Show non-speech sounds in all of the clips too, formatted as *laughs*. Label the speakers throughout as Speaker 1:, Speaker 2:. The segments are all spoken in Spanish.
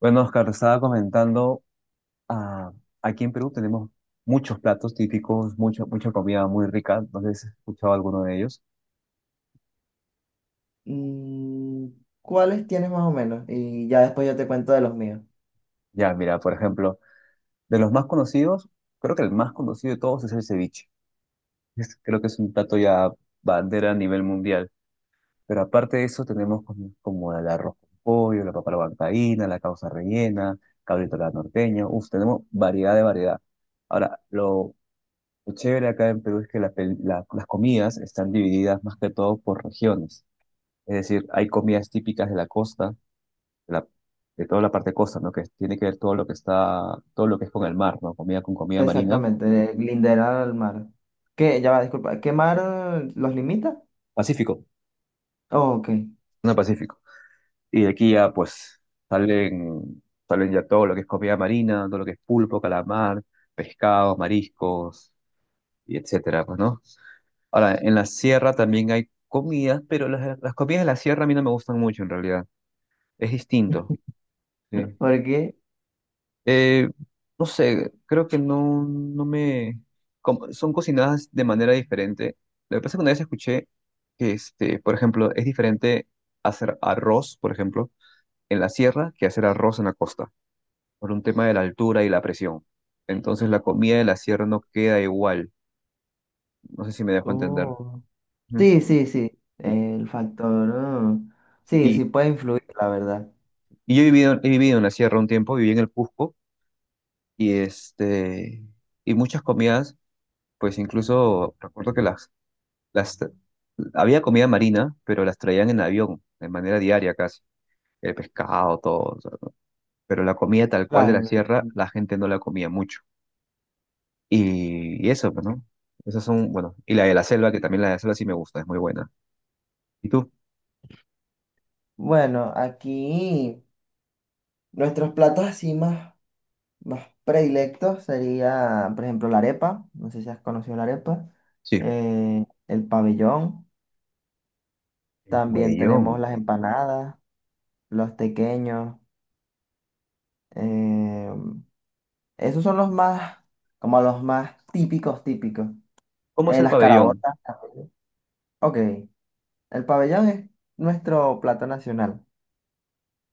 Speaker 1: Bueno, Oscar, estaba comentando, ah, aquí en Perú tenemos muchos platos típicos, mucha comida muy rica, no sé si has escuchado alguno de ellos.
Speaker 2: Mm, ¿Cuáles tienes más o menos? Y ya después yo te cuento de los míos.
Speaker 1: Ya, mira, por ejemplo, de los más conocidos, creo que el más conocido de todos es el ceviche. Creo que es un plato ya bandera a nivel mundial. Pero aparte de eso tenemos como el arroz con pollo, la papa a la huancaína, la causa rellena, cabrito a la norteña, uf, tenemos variedad de variedad. Ahora, lo chévere acá en Perú es que las comidas están divididas más que todo por regiones. Es decir, hay comidas típicas de la costa, de, la- de toda la parte costa, ¿no? Que tiene que ver todo lo que está, todo lo que es con el mar, ¿no? Comida con comida marina.
Speaker 2: Exactamente, de lindera al mar. ¿Qué? Ya va, disculpa. ¿Qué mar los limita?
Speaker 1: Pacífico,
Speaker 2: Oh, ok.
Speaker 1: no, Pacífico. Y de aquí ya, pues, salen, salen ya todo lo que es comida marina, todo lo que es pulpo, calamar, pescados, mariscos, y etcétera, pues, ¿no? Ahora, en la sierra también hay comidas, pero las comidas de la sierra a mí no me gustan mucho, en realidad. Es distinto. Sí.
Speaker 2: Porque.
Speaker 1: Eh, no sé, creo que no me... son cocinadas de manera diferente. Lo que pasa es que una vez escuché que, por ejemplo, es diferente hacer arroz, por ejemplo, en la sierra que hacer arroz en la costa, por un tema de la altura y la presión. Entonces la comida de la sierra no queda igual. No sé si me dejo entender.
Speaker 2: Oh.
Speaker 1: Ujú.
Speaker 2: Sí, sí, sí.
Speaker 1: Sí.
Speaker 2: El factor. Oh. Sí,
Speaker 1: Y,
Speaker 2: sí puede influir, la verdad.
Speaker 1: y he vivido en la sierra un tiempo, viví en el Cusco y, y muchas comidas, pues incluso recuerdo que las, tra- había comida marina, pero las traían en avión, de manera diaria casi. El pescado, todo. O sea, ¿no? Pero la comida tal cual de
Speaker 2: Claro,
Speaker 1: la
Speaker 2: me
Speaker 1: sierra,
Speaker 2: imagino.
Speaker 1: la gente no la comía mucho. Y eso, pues, ¿no? Esas son, bueno, y la de la selva, que también la de la selva sí me gusta, es muy buena. ¿Y tú?
Speaker 2: Bueno, aquí nuestros platos así más, más predilectos sería, por ejemplo, la arepa. No sé si has conocido la arepa.
Speaker 1: Sí.
Speaker 2: El pabellón.
Speaker 1: El
Speaker 2: También tenemos
Speaker 1: pabellón.
Speaker 2: las empanadas, los tequeños. eh, Esos son los más, como los más típicos, típicos.
Speaker 1: ¿Cómo es el
Speaker 2: Las
Speaker 1: pabellón?
Speaker 2: caraotas también. Ok, el pabellón es nuestro plato nacional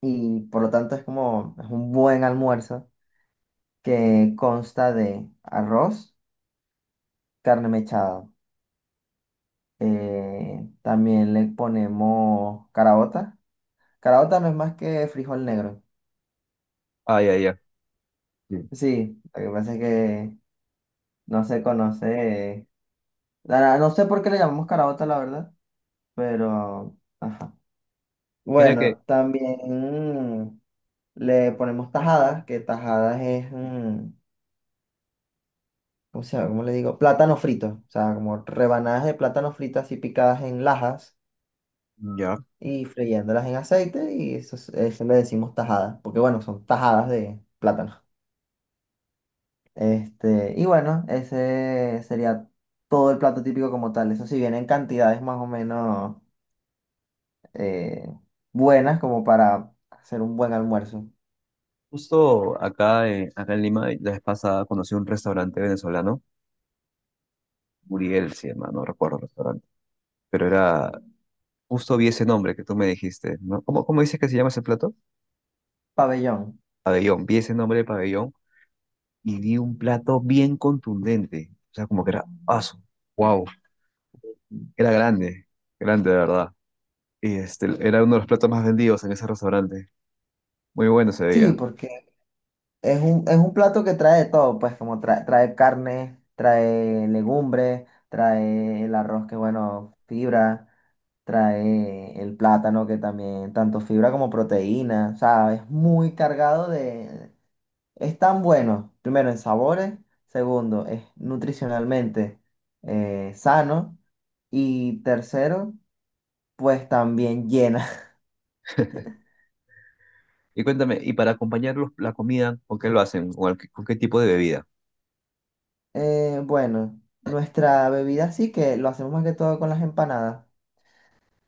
Speaker 2: y por lo tanto es como es un buen almuerzo que consta de arroz, carne mechada. También le ponemos caraota. Caraota no es más que frijol negro.
Speaker 1: Ah, ya, ya. Sí.
Speaker 2: Sí, lo que pasa es que no se conoce no sé por qué le llamamos carabota, la verdad, pero... Ajá.
Speaker 1: Mira que,
Speaker 2: Bueno, también mm, le ponemos tajadas, que tajadas es... ¿cómo se llama? ¿Cómo le digo? Plátano frito, o sea, como rebanadas de plátano fritas y picadas en lajas
Speaker 1: ya.
Speaker 2: y freyéndolas en aceite y eso, es- eso le decimos tajadas, porque bueno, son tajadas de plátano. Este, y bueno, ese sería todo el plato típico como tal. Eso sí viene en cantidades más o menos eh, buenas como para hacer un buen almuerzo.
Speaker 1: Justo acá, acá en Lima, la vez pasada conocí un restaurante venezolano, Muriel se llama, no recuerdo el restaurante, pero era Justo vi ese nombre que tú me dijiste, ¿no? ¿Cómo dices que se llama ese plato?
Speaker 2: Pabellón.
Speaker 1: Pabellón. Vi ese nombre de pabellón y vi un plato bien contundente. O sea, como que era aso. Wow. Era grande. Grande, de verdad. Y este, era uno de los platos más vendidos en ese restaurante. Muy bueno se
Speaker 2: Sí,
Speaker 1: veía.
Speaker 2: porque es un plato que trae de todo, pues como trae, trae carne, trae legumbres, trae el arroz que bueno, fibra, trae el plátano que también, tanto fibra como proteína, o sea, es muy cargado de... Es tan bueno, primero en sabores, segundo, es nutricionalmente sano y tercero, pues también llena.
Speaker 1: Y cuéntame, ¿y para acompañar la comida, con qué lo hacen? ¿Con, con qué tipo de bebida?
Speaker 2: Bueno, nuestra bebida sí que lo hacemos más que todo con las empanadas.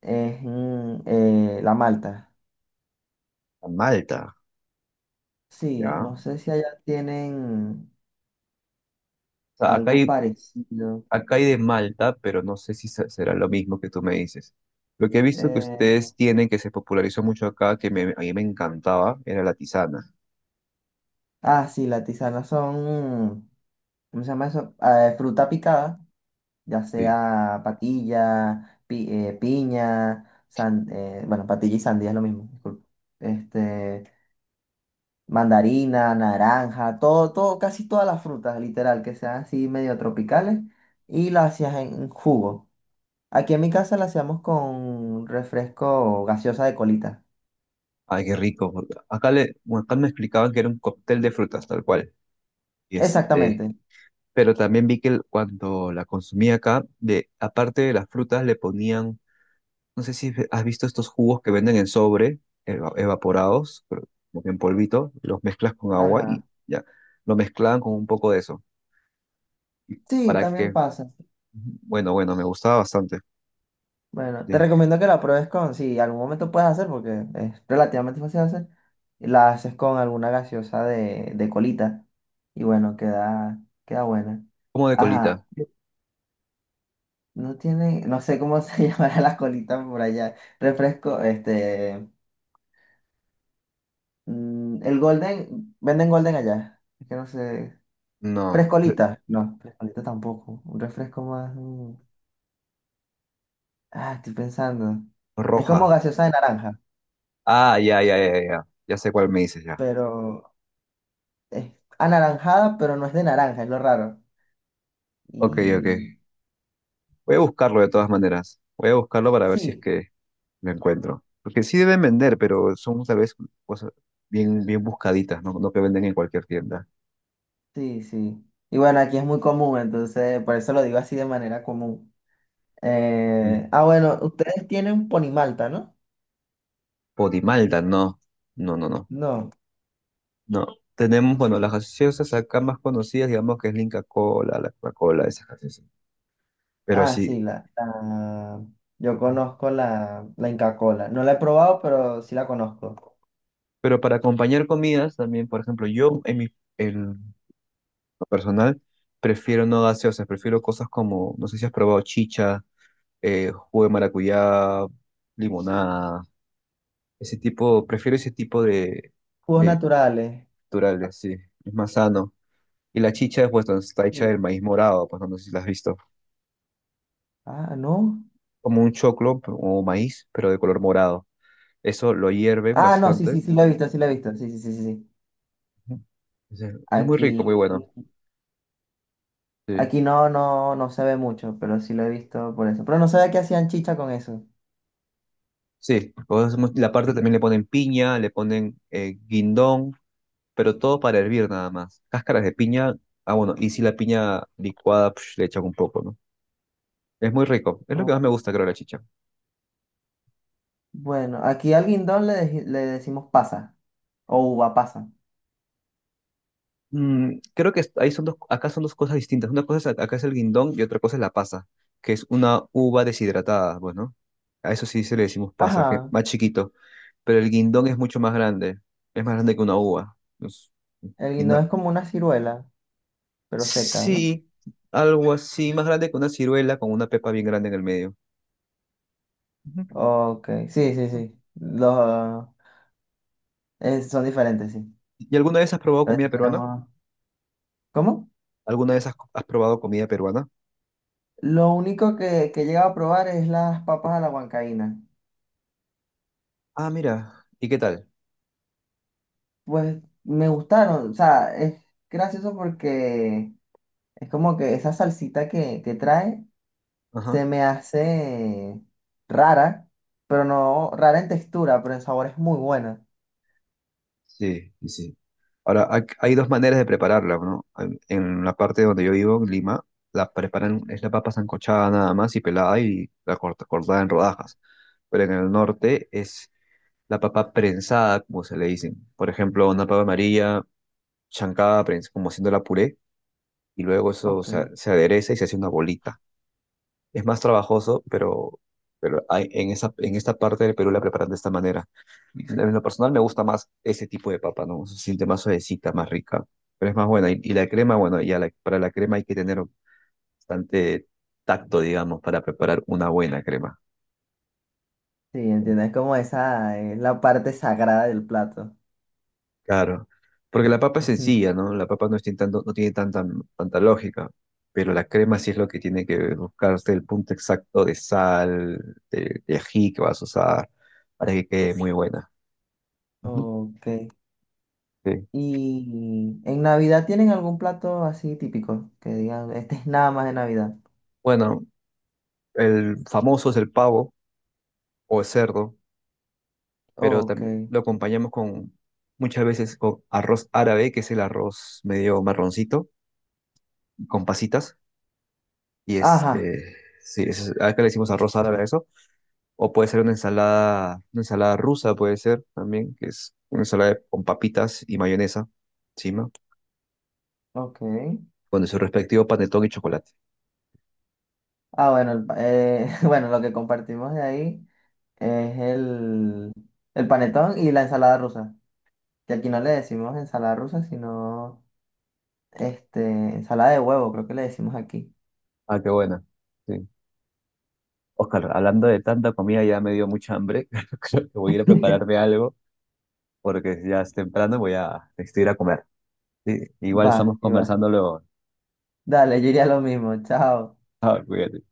Speaker 2: Es la malta.
Speaker 1: Con Malta,
Speaker 2: Sí,
Speaker 1: ¿ya? O
Speaker 2: no sé si allá tienen
Speaker 1: sea, acá
Speaker 2: algo
Speaker 1: hay
Speaker 2: parecido.
Speaker 1: Acá hay de Malta, pero no sé si será lo mismo que tú me dices. Lo que he visto que
Speaker 2: Eh,
Speaker 1: ustedes tienen, que se popularizó mucho acá, que a mí me encantaba, era la tisana.
Speaker 2: sí, las tisanas son, ¿cómo se llama eso? Fruta picada, ya
Speaker 1: Sí.
Speaker 2: sea patilla, piña, bueno, patilla y sandía es lo mismo, disculpa. Este, mandarina, naranja, todo, todo, casi todas las frutas, literal, que sean así medio tropicales, y las hacías en jugo. Aquí en mi casa la hacíamos con refresco gaseosa de colita.
Speaker 1: Ay, qué rico. Porque acá, le, bueno, acá me explicaban que era un cóctel de frutas, tal cual. Y este,
Speaker 2: Exactamente.
Speaker 1: pero también vi que cuando la consumí acá, de, aparte de las frutas, le ponían, no sé si has visto estos jugos que venden en sobre, evaporados, pero como que en polvito, los mezclas con agua
Speaker 2: Ajá.
Speaker 1: y ya, lo mezclaban con un poco de eso
Speaker 2: Sí,
Speaker 1: para
Speaker 2: también
Speaker 1: que
Speaker 2: pasa.
Speaker 1: Bueno, me gustaba bastante.
Speaker 2: Bueno, te
Speaker 1: Sí.
Speaker 2: recomiendo que la pruebes con, si algún momento puedes hacer, porque es relativamente fácil de hacer, la haces con alguna gaseosa de colita. Y bueno, queda, queda buena.
Speaker 1: ¿Cómo de colita?
Speaker 2: Ajá. No tiene, no sé cómo se *laughs* llamará la colita por allá. Refresco, este, el Golden, venden Golden allá. Es que no sé.
Speaker 1: No,
Speaker 2: Frescolita, no, frescolita tampoco. Un refresco más. Ah, estoy pensando. Es como
Speaker 1: roja.
Speaker 2: gaseosa de naranja,
Speaker 1: Ah, ya, ya, ya, ya. Ya sé cuál me dices ya.
Speaker 2: pero es anaranjada, pero no es de naranja, es lo raro.
Speaker 1: Ok, ok.
Speaker 2: Y
Speaker 1: Voy a buscarlo de todas maneras. Voy a buscarlo para ver si es
Speaker 2: sí,
Speaker 1: que lo encuentro. Porque sí deben vender, pero son tal vez cosas bien buscaditas, ¿no? No que venden en cualquier tienda.
Speaker 2: sí, sí. Y bueno, aquí es muy común, entonces por eso lo digo así de manera común.
Speaker 1: Mm.
Speaker 2: Bueno, ustedes tienen Ponimalta, ¿no?
Speaker 1: Podimalta, no. No, no, no.
Speaker 2: No.
Speaker 1: No. Tenemos, bueno, las gaseosas acá más conocidas, digamos que es Linka Cola, la Coca-Cola, esas gaseosas. Pero
Speaker 2: Ah,
Speaker 1: sí.
Speaker 2: sí, yo conozco la Inca Kola. No la he probado, pero sí la conozco.
Speaker 1: Pero para acompañar comidas también, por ejemplo, yo en mi en lo personal prefiero no gaseosas, prefiero cosas como, no sé si has probado chicha, jugo de maracuyá, limonada, ese tipo, prefiero ese tipo
Speaker 2: Jugos
Speaker 1: de
Speaker 2: naturales.
Speaker 1: naturales, sí, es más sano. Y la chicha pues, está hecha del
Speaker 2: Sí.
Speaker 1: maíz morado, pues no sé si la has visto,
Speaker 2: Ah, no.
Speaker 1: como un choclo o maíz, pero de color morado. Eso lo hierven
Speaker 2: Ah, no, sí,
Speaker 1: bastante.
Speaker 2: sí, sí la he visto, sí la he visto. Sí, sí, sí, sí, sí.
Speaker 1: Ujú. Eso es muy rico, muy
Speaker 2: Aquí,
Speaker 1: bueno. sí
Speaker 2: aquí no, no, no se ve mucho, pero sí lo he visto por eso. Pero no sabía que hacían chicha con eso.
Speaker 1: Sí, nosotros hacemos- la parte también le ponen piña, le ponen guindón, pero todo para hervir nada más. Cáscaras de piña, ah bueno, y si la piña licuada psh, le echan un poco, ¿no? Es muy rico, es lo que más me
Speaker 2: Oh,
Speaker 1: gusta, creo, de la chicha.
Speaker 2: bueno, aquí al guindón le, le decimos pasa o uva pasa.
Speaker 1: Mm, creo que ahí son dos, acá son dos cosas distintas. Una cosa es, acá es el guindón y otra cosa es la pasa, que es una uva deshidratada, bueno. A eso sí se le decimos pasa, que es
Speaker 2: Ajá.
Speaker 1: más chiquito, pero el guindón es mucho más grande, es más grande que una uva. Es-
Speaker 2: El guindón es como una ciruela, pero seca, ¿no?
Speaker 1: Sí, algo así, más grande que una ciruela con una pepa bien grande en el medio. Ujú.
Speaker 2: Ok, sí, sí, sí. Los, eh, son diferentes, sí.
Speaker 1: ¿Y alguna vez has probado
Speaker 2: A ver
Speaker 1: comida
Speaker 2: si
Speaker 1: peruana?
Speaker 2: tenemos- ¿Cómo?
Speaker 1: ¿Alguna vez has probado comida peruana?
Speaker 2: Lo único que he llegado a probar es las papas a la huancaína.
Speaker 1: Ah, mira, ¿y qué tal?
Speaker 2: Pues me gustaron, o sea, es gracioso porque es como que esa salsita que trae
Speaker 1: Ajá,
Speaker 2: se me hace rara, pero no rara en textura, pero en sabor es muy buena.
Speaker 1: sí, sí, sí. Ahora, hay dos maneras de prepararla, ¿no? En la parte donde yo vivo, en Lima, la preparan, es la papa sancochada nada más y pelada y cortada en rodajas. Pero en el norte es la papa prensada, como se le dicen. Por ejemplo, una papa amarilla chancada, como haciendo la puré y luego
Speaker 2: Ok, sí,
Speaker 1: se adereza y se hace una bolita. Es más trabajoso, pero hay, en esta parte del Perú la preparan de esta manera. En lo personal me gusta más ese tipo de papa, ¿no? Se siente más suavecita, más rica, pero es más buena. Y la crema, bueno, para la crema hay que tener bastante tacto, digamos, para preparar una buena crema.
Speaker 2: entiendo, es como esa, es la parte sagrada del plato.
Speaker 1: Claro, porque la papa es
Speaker 2: *laughs*
Speaker 1: sencilla, ¿no? La papa no, es no tiene tanta, tanta lógica, pero la crema sí es lo que tiene que buscarse el punto exacto de sal, de ají que vas a usar para que quede muy buena. Ujú.
Speaker 2: Ok.
Speaker 1: Sí.
Speaker 2: ¿Y en Navidad tienen algún plato así típico que digan, *laughs* este es nada más de Navidad?
Speaker 1: Bueno, el famoso es el pavo o el cerdo, pero
Speaker 2: Ok.
Speaker 1: también lo acompañamos con muchas veces con arroz árabe, que es el arroz medio marroncito, con pasitas, y
Speaker 2: Ajá,
Speaker 1: este, sí, acá le decimos arroz árabe a eso. O puede ser una ensalada rusa, puede ser también, que es una ensalada con papitas y mayonesa encima,
Speaker 2: ok.
Speaker 1: con su respectivo panetón y chocolate.
Speaker 2: Ah, bueno, *laughs* bueno, lo que compartimos de ahí es el panetón y la ensalada rusa. Que aquí no le decimos ensalada rusa, sino este, ensalada de huevo, creo que le decimos aquí.
Speaker 1: Ah, qué buena. Sí. Oscar, hablando de tanta comida, ya me dio mucha hambre. *laughs* Creo que voy a ir a
Speaker 2: *laughs*
Speaker 1: prepararme algo, porque ya es temprano, voy a necesito ir a comer. Sí, igual
Speaker 2: Va,
Speaker 1: estamos
Speaker 2: y va.
Speaker 1: conversando luego.
Speaker 2: Dale, yo iría lo mismo. Chao.
Speaker 1: Ah, cuídate.